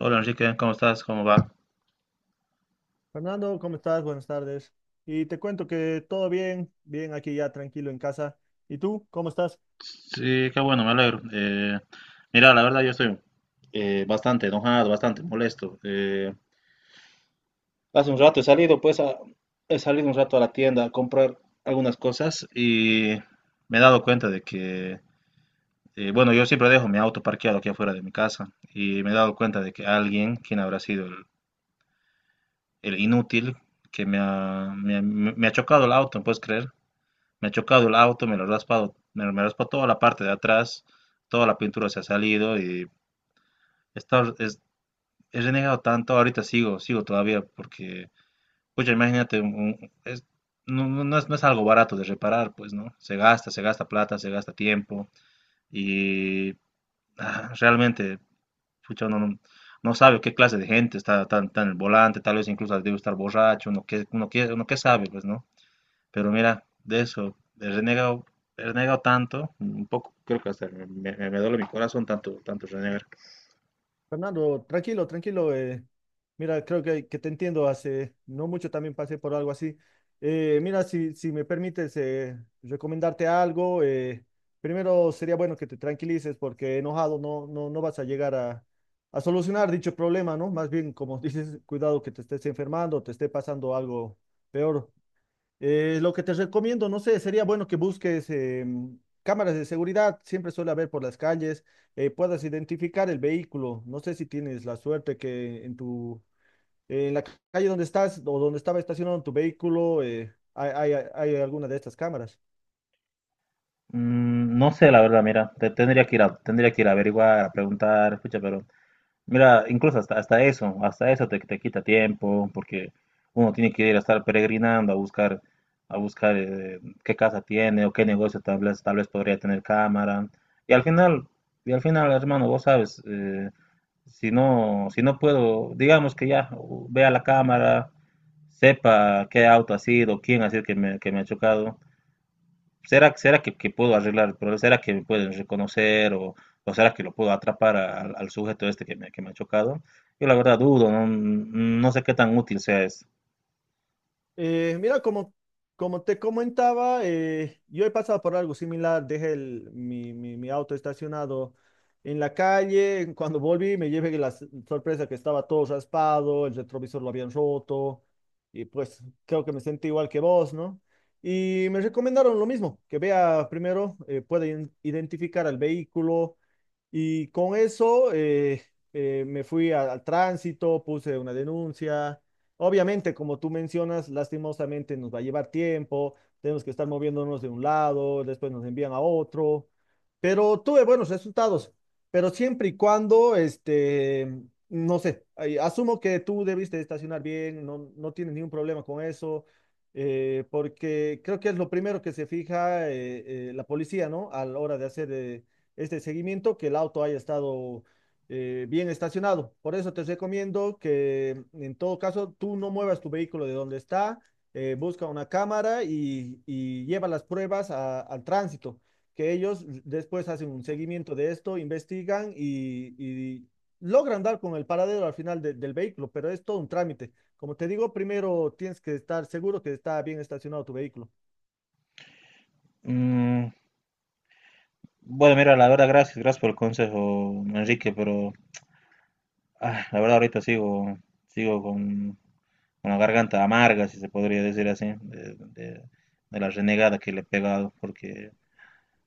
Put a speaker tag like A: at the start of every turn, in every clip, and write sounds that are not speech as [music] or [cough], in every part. A: Hola Enrique, ¿cómo estás? ¿Cómo va?
B: Fernando, ¿cómo estás? Buenas tardes. Y te cuento que todo bien, bien aquí ya tranquilo en casa. ¿Y tú, cómo estás?
A: Sí, qué bueno, me alegro. Mira, la verdad yo estoy bastante enojado, bastante molesto. Hace un rato he salido, pues, he salido un rato a la tienda a comprar algunas cosas y me he dado cuenta de que, bueno, yo siempre dejo mi auto parqueado aquí afuera de mi casa y me he dado cuenta de que alguien, quien habrá sido el inútil, que me ha chocado el auto, ¿puedes creer? Me ha chocado el auto, me lo he raspado, me raspa toda la parte de atrás, toda la pintura se ha salido y he, estado- es- he renegado tanto, ahorita sigo, sigo todavía porque, pucha, imagínate, no es algo barato de reparar, pues, ¿no? Se gasta plata, se gasta tiempo y realmente, pucha, uno no sabe qué clase de gente está tan, tan en el volante, tal vez incluso debe estar borracho, uno qué sabe, pues, ¿no? Pero mira, de eso, he renegado tanto, un poco, creo que hasta me duele mi corazón tanto, tanto renegar.
B: Fernando, tranquilo, tranquilo. Mira, creo que te entiendo. Hace no mucho también pasé por algo así. Mira, si me permites recomendarte algo, primero sería bueno que te tranquilices porque enojado no vas a llegar a solucionar dicho problema, ¿no? Más bien, como [laughs] dices, cuidado que te estés enfermando, te esté pasando algo peor. Lo que te recomiendo, no sé, sería bueno que busques cámaras de seguridad, siempre suele haber por las calles, puedas identificar el vehículo. No sé si tienes la suerte que en tu, en la calle donde estás o donde estaba estacionado tu vehículo, hay alguna de estas cámaras.
A: Mm, no sé, la verdad, mira, tendría que ir a averiguar, a preguntar, escucha, pero mira, incluso hasta eso te quita tiempo, porque uno tiene que ir a estar peregrinando a buscar, qué casa tiene o qué negocio tal vez podría tener cámara. Y al final, y al final, hermano, vos sabes, si no, si no puedo, digamos que ya vea la cámara, sepa qué auto ha sido, quién ha sido que me ha chocado, ¿Será que puedo arreglar el problema? ¿Será que me pueden reconocer o será que lo puedo atrapar al sujeto este que me ha chocado? Yo la verdad dudo, no sé qué tan útil sea eso.
B: Mira, como te comentaba, yo he pasado por algo similar. Mi auto estacionado en la calle. Cuando volví, me llevé la sorpresa que estaba todo raspado, el retrovisor lo habían roto. Y pues creo que me sentí igual que vos, ¿no? Y me recomendaron lo mismo, que vea primero, identificar al vehículo. Y con eso me fui al tránsito, puse una denuncia. Obviamente, como tú mencionas, lastimosamente nos va a llevar tiempo, tenemos que estar moviéndonos de un lado, después nos envían a otro, pero tuve buenos resultados, pero siempre y cuando, este, no sé, ay, asumo que tú debiste estacionar bien, no, no tienes ningún problema con eso, porque creo que es lo primero que se fija la policía, ¿no? A la hora de hacer este seguimiento, que el auto haya estado bien estacionado. Por eso te recomiendo que en todo caso tú no muevas tu vehículo de donde está, busca una cámara y lleva las pruebas al tránsito, que ellos después hacen un seguimiento de esto, investigan y logran dar con el paradero al final del vehículo, pero es todo un trámite. Como te digo, primero tienes que estar seguro que está bien estacionado tu vehículo.
A: Mm, bueno, mira, la verdad, gracias, gracias por el consejo, Enrique, pero la verdad ahorita sigo, sigo con la garganta amarga, si se podría decir así, de la renegada que le he pegado, porque,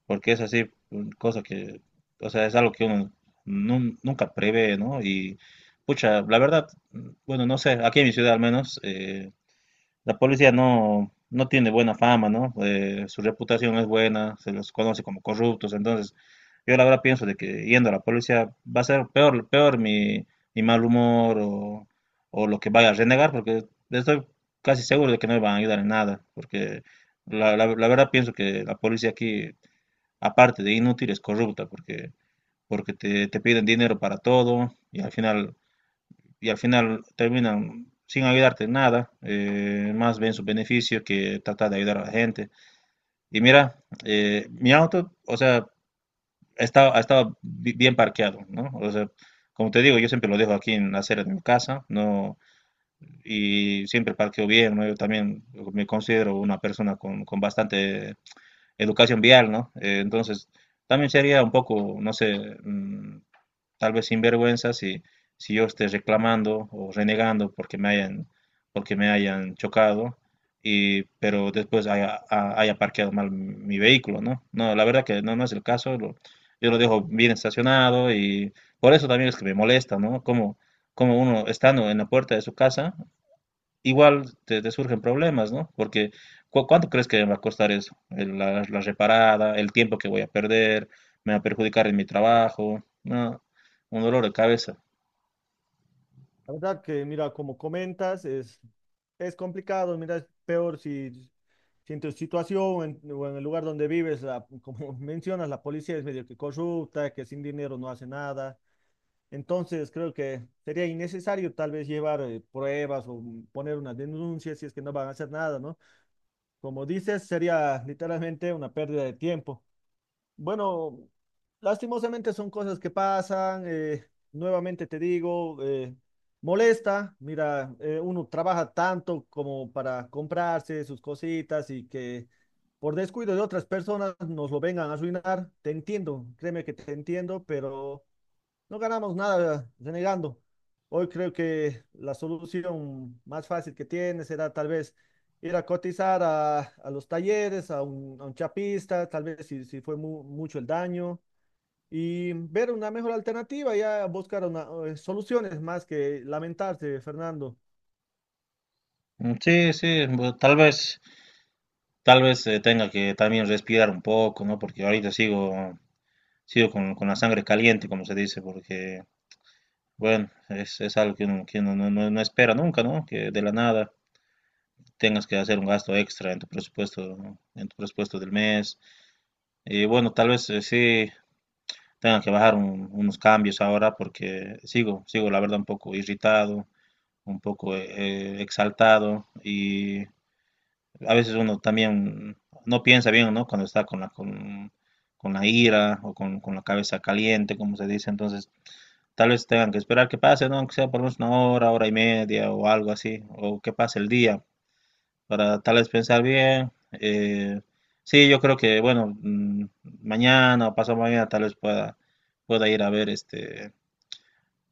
A: porque es así, cosa que, o sea, es algo que uno nunca prevé, ¿no? Y, pucha, la verdad, bueno, no sé, aquí en mi ciudad al menos, la policía no tiene buena fama, ¿no? Su reputación no es buena, se los conoce como corruptos, entonces yo la verdad pienso de que yendo a la policía va a ser peor, peor mi mal humor o lo que vaya a renegar, porque estoy casi seguro de que no me van a ayudar en nada, porque la verdad pienso que la policía aquí, aparte de inútil, es corrupta, porque, te piden dinero para todo y al final terminan sin ayudarte en nada, más ven su beneficio que tratar de ayudar a la gente. Y mira, mi auto, o sea, estaba bien parqueado, ¿no? O sea, como te digo, yo siempre lo dejo aquí en la acera de mi casa, ¿no? Y siempre parqueo bien, ¿no? Yo también me considero una persona con, bastante educación vial, ¿no? Entonces, también sería un poco, no sé, tal vez sinvergüenza si yo esté reclamando o renegando porque me hayan, chocado, y, pero después haya parqueado mal mi vehículo, ¿no? No, la verdad que no es el caso, yo lo dejo bien estacionado y por eso también es que me molesta, ¿no? Como uno estando en la puerta de su casa igual te surgen problemas, ¿no? Porque ¿cuánto crees que me va a costar eso? La reparada, el tiempo que voy a perder, me va a perjudicar en mi trabajo, ¿no? Un dolor de cabeza.
B: La verdad que, mira, como comentas, es complicado, mira, es peor si, si en tu situación o en el lugar donde vives, como [laughs] mencionas, la policía es medio que corrupta, que sin dinero no hace nada. Entonces creo que sería innecesario tal vez llevar pruebas o mm, poner una denuncia si es que no van a hacer nada, ¿no? Como dices, sería literalmente una pérdida de tiempo. Bueno, lastimosamente son cosas que pasan. Nuevamente te digo, molesta. Mira, uno trabaja tanto como para comprarse sus cositas y que por descuido de otras personas nos lo vengan a arruinar. Te entiendo, créeme que te entiendo, pero no ganamos nada renegando. Hoy creo que la solución más fácil que tiene será tal vez ir a cotizar a los talleres, a un chapista, tal vez si, si fue mucho el daño, y ver una mejor alternativa, ya buscar una, soluciones más que lamentarse, Fernando.
A: Mm, sí, sí, tal vez, tenga que también respirar un poco, ¿no? Porque ahorita sigo, sigo con la sangre caliente, como se dice, porque, bueno, es algo que uno, no espera nunca, ¿no? Que de la nada tengas que hacer un gasto extra en tu presupuesto del mes. Y bueno, tal vez sí tenga que bajar unos cambios ahora porque sigo, sigo la verdad un poco irritado, un poco exaltado y a veces uno también no piensa bien, ¿no? Cuando está con la ira o con la cabeza caliente, como se dice, entonces tal vez tengan que esperar que pase, ¿no? Aunque sea por lo menos una hora, hora y media o algo así, o que pase el día para tal vez pensar bien. Sí, yo creo que, bueno, mañana o pasado mañana tal vez pueda, pueda ir a ver este,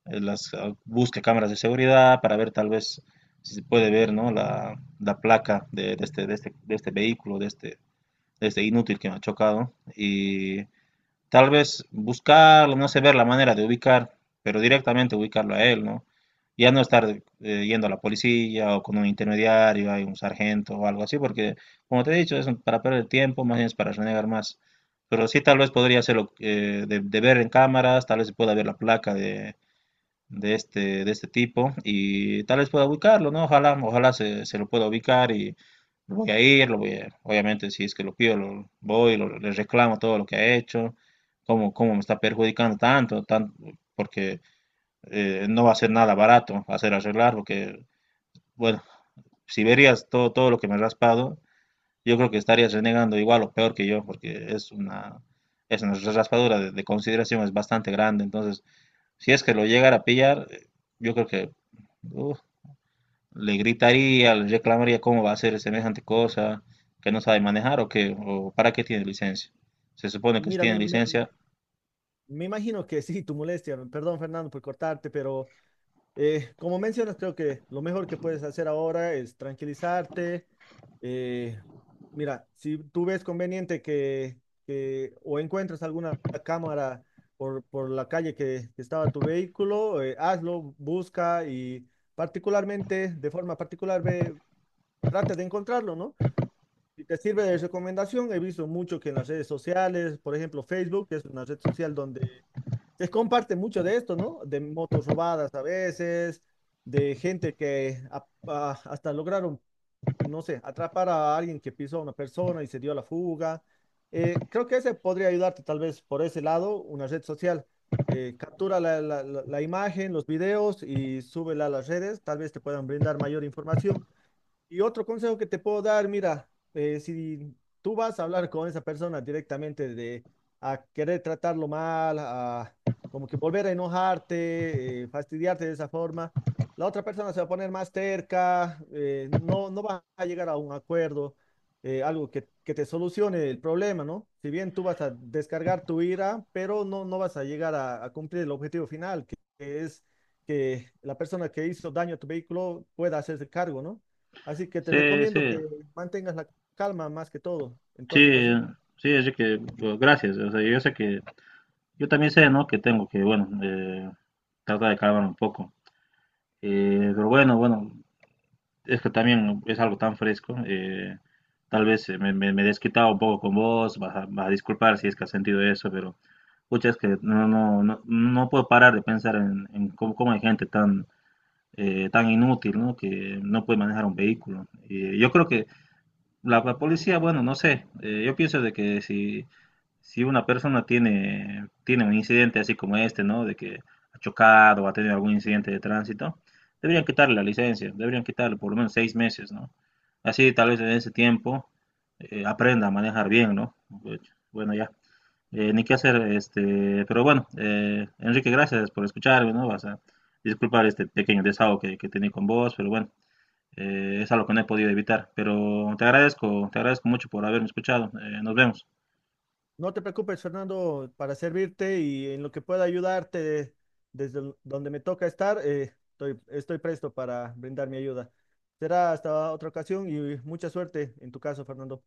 A: eh, las, ah, busque cámaras de seguridad para ver tal vez si se puede ver, ¿no? La placa de este vehículo, de este inútil que me ha chocado. Y tal vez buscarlo, no sé, ver la manera de ubicar, pero directamente ubicarlo a él, ¿no? Ya no estar yendo a la policía o con un intermediario, hay un sargento o algo así, porque como te he dicho, es para perder tiempo, más bien es para renegar más. Pero sí, tal vez podría hacerlo de ver en cámaras, tal vez se pueda ver la placa de este tipo y tal vez pueda ubicarlo, ¿no? Ojalá, ojalá se lo pueda ubicar y lo voy a ir, obviamente si es que lo pido, le reclamo todo lo que ha hecho, cómo me está perjudicando tanto, porque no va a ser nada barato hacer arreglar, porque, bueno, si verías todo, todo lo que me he raspado, yo creo que estarías renegando igual o peor que yo, porque es una raspadura de consideración, es bastante grande, entonces, si es que lo llegara a pillar, yo creo que uf, le gritaría, le reclamaría cómo va a hacer semejante cosa, que no sabe manejar o para qué tiene licencia. Se supone que si
B: Mira,
A: tiene licencia,
B: me imagino que sí, tu molestia, perdón Fernando por cortarte, pero como mencionas, creo que lo mejor que puedes hacer ahora es tranquilizarte. eh, Mira, si tú ves conveniente que o encuentras alguna cámara por la calle que estaba tu vehículo, hazlo, busca y particularmente, de forma particular, ve, trata de encontrarlo, ¿no? Si te sirve de recomendación, he visto mucho que en las redes sociales, por ejemplo, Facebook, que es una red social donde se comparte mucho de esto, ¿no? De motos robadas a veces, de gente que hasta lograron, no sé, atrapar a alguien que pisó a una persona y se dio a la fuga. Creo que ese podría ayudarte tal vez por ese lado, una red social. Captura la imagen, los videos y súbela a las redes, tal vez te puedan brindar mayor información. Y otro consejo que te puedo dar, mira, si tú vas a hablar con esa persona directamente de a querer tratarlo mal, a como que volver a enojarte, fastidiarte de esa forma, la otra persona se va a poner más terca, no, no va a llegar a un acuerdo, algo que te solucione el problema, ¿no? Si bien tú vas a descargar tu ira, pero no, no vas a llegar a cumplir el objetivo final, que es que la persona que hizo daño a tu vehículo pueda hacerse cargo, ¿no? Así que te
A: sí,
B: recomiendo que
A: sí,
B: mantengas la calma más que todo en toda
A: sí,
B: situación.
A: sí, así que bueno, gracias. O sea, yo sé que yo también sé, ¿no? Que tengo que, bueno, tratar de calmar un poco. Pero bueno, bueno, es que también es algo tan fresco. Tal vez me he desquitado un poco con vos, vas a disculpar si es que has sentido eso, pero pucha, es que no puedo parar de pensar en cómo hay gente tan, tan inútil, ¿no? Que no puede manejar un vehículo. Yo creo que la policía, bueno, no sé, yo pienso de que si una persona tiene, tiene un incidente así como este, ¿no? De que ha chocado o ha tenido algún incidente de tránsito, deberían quitarle la licencia, deberían quitarle por lo menos 6 meses, ¿no? Así tal vez en ese tiempo aprenda a manejar bien, ¿no? Pues, bueno, ya. Ni qué hacer, pero bueno, Enrique, gracias por escucharme, ¿no? Vas a disculpar este pequeño desahogo que tenía con vos, pero bueno, es algo que no he podido evitar. Pero te agradezco mucho por haberme escuchado. Nos vemos.
B: No te preocupes, Fernando, para servirte y en lo que pueda ayudarte desde donde me toca estar, estoy presto para brindar mi ayuda. Será hasta otra ocasión y mucha suerte en tu caso, Fernando.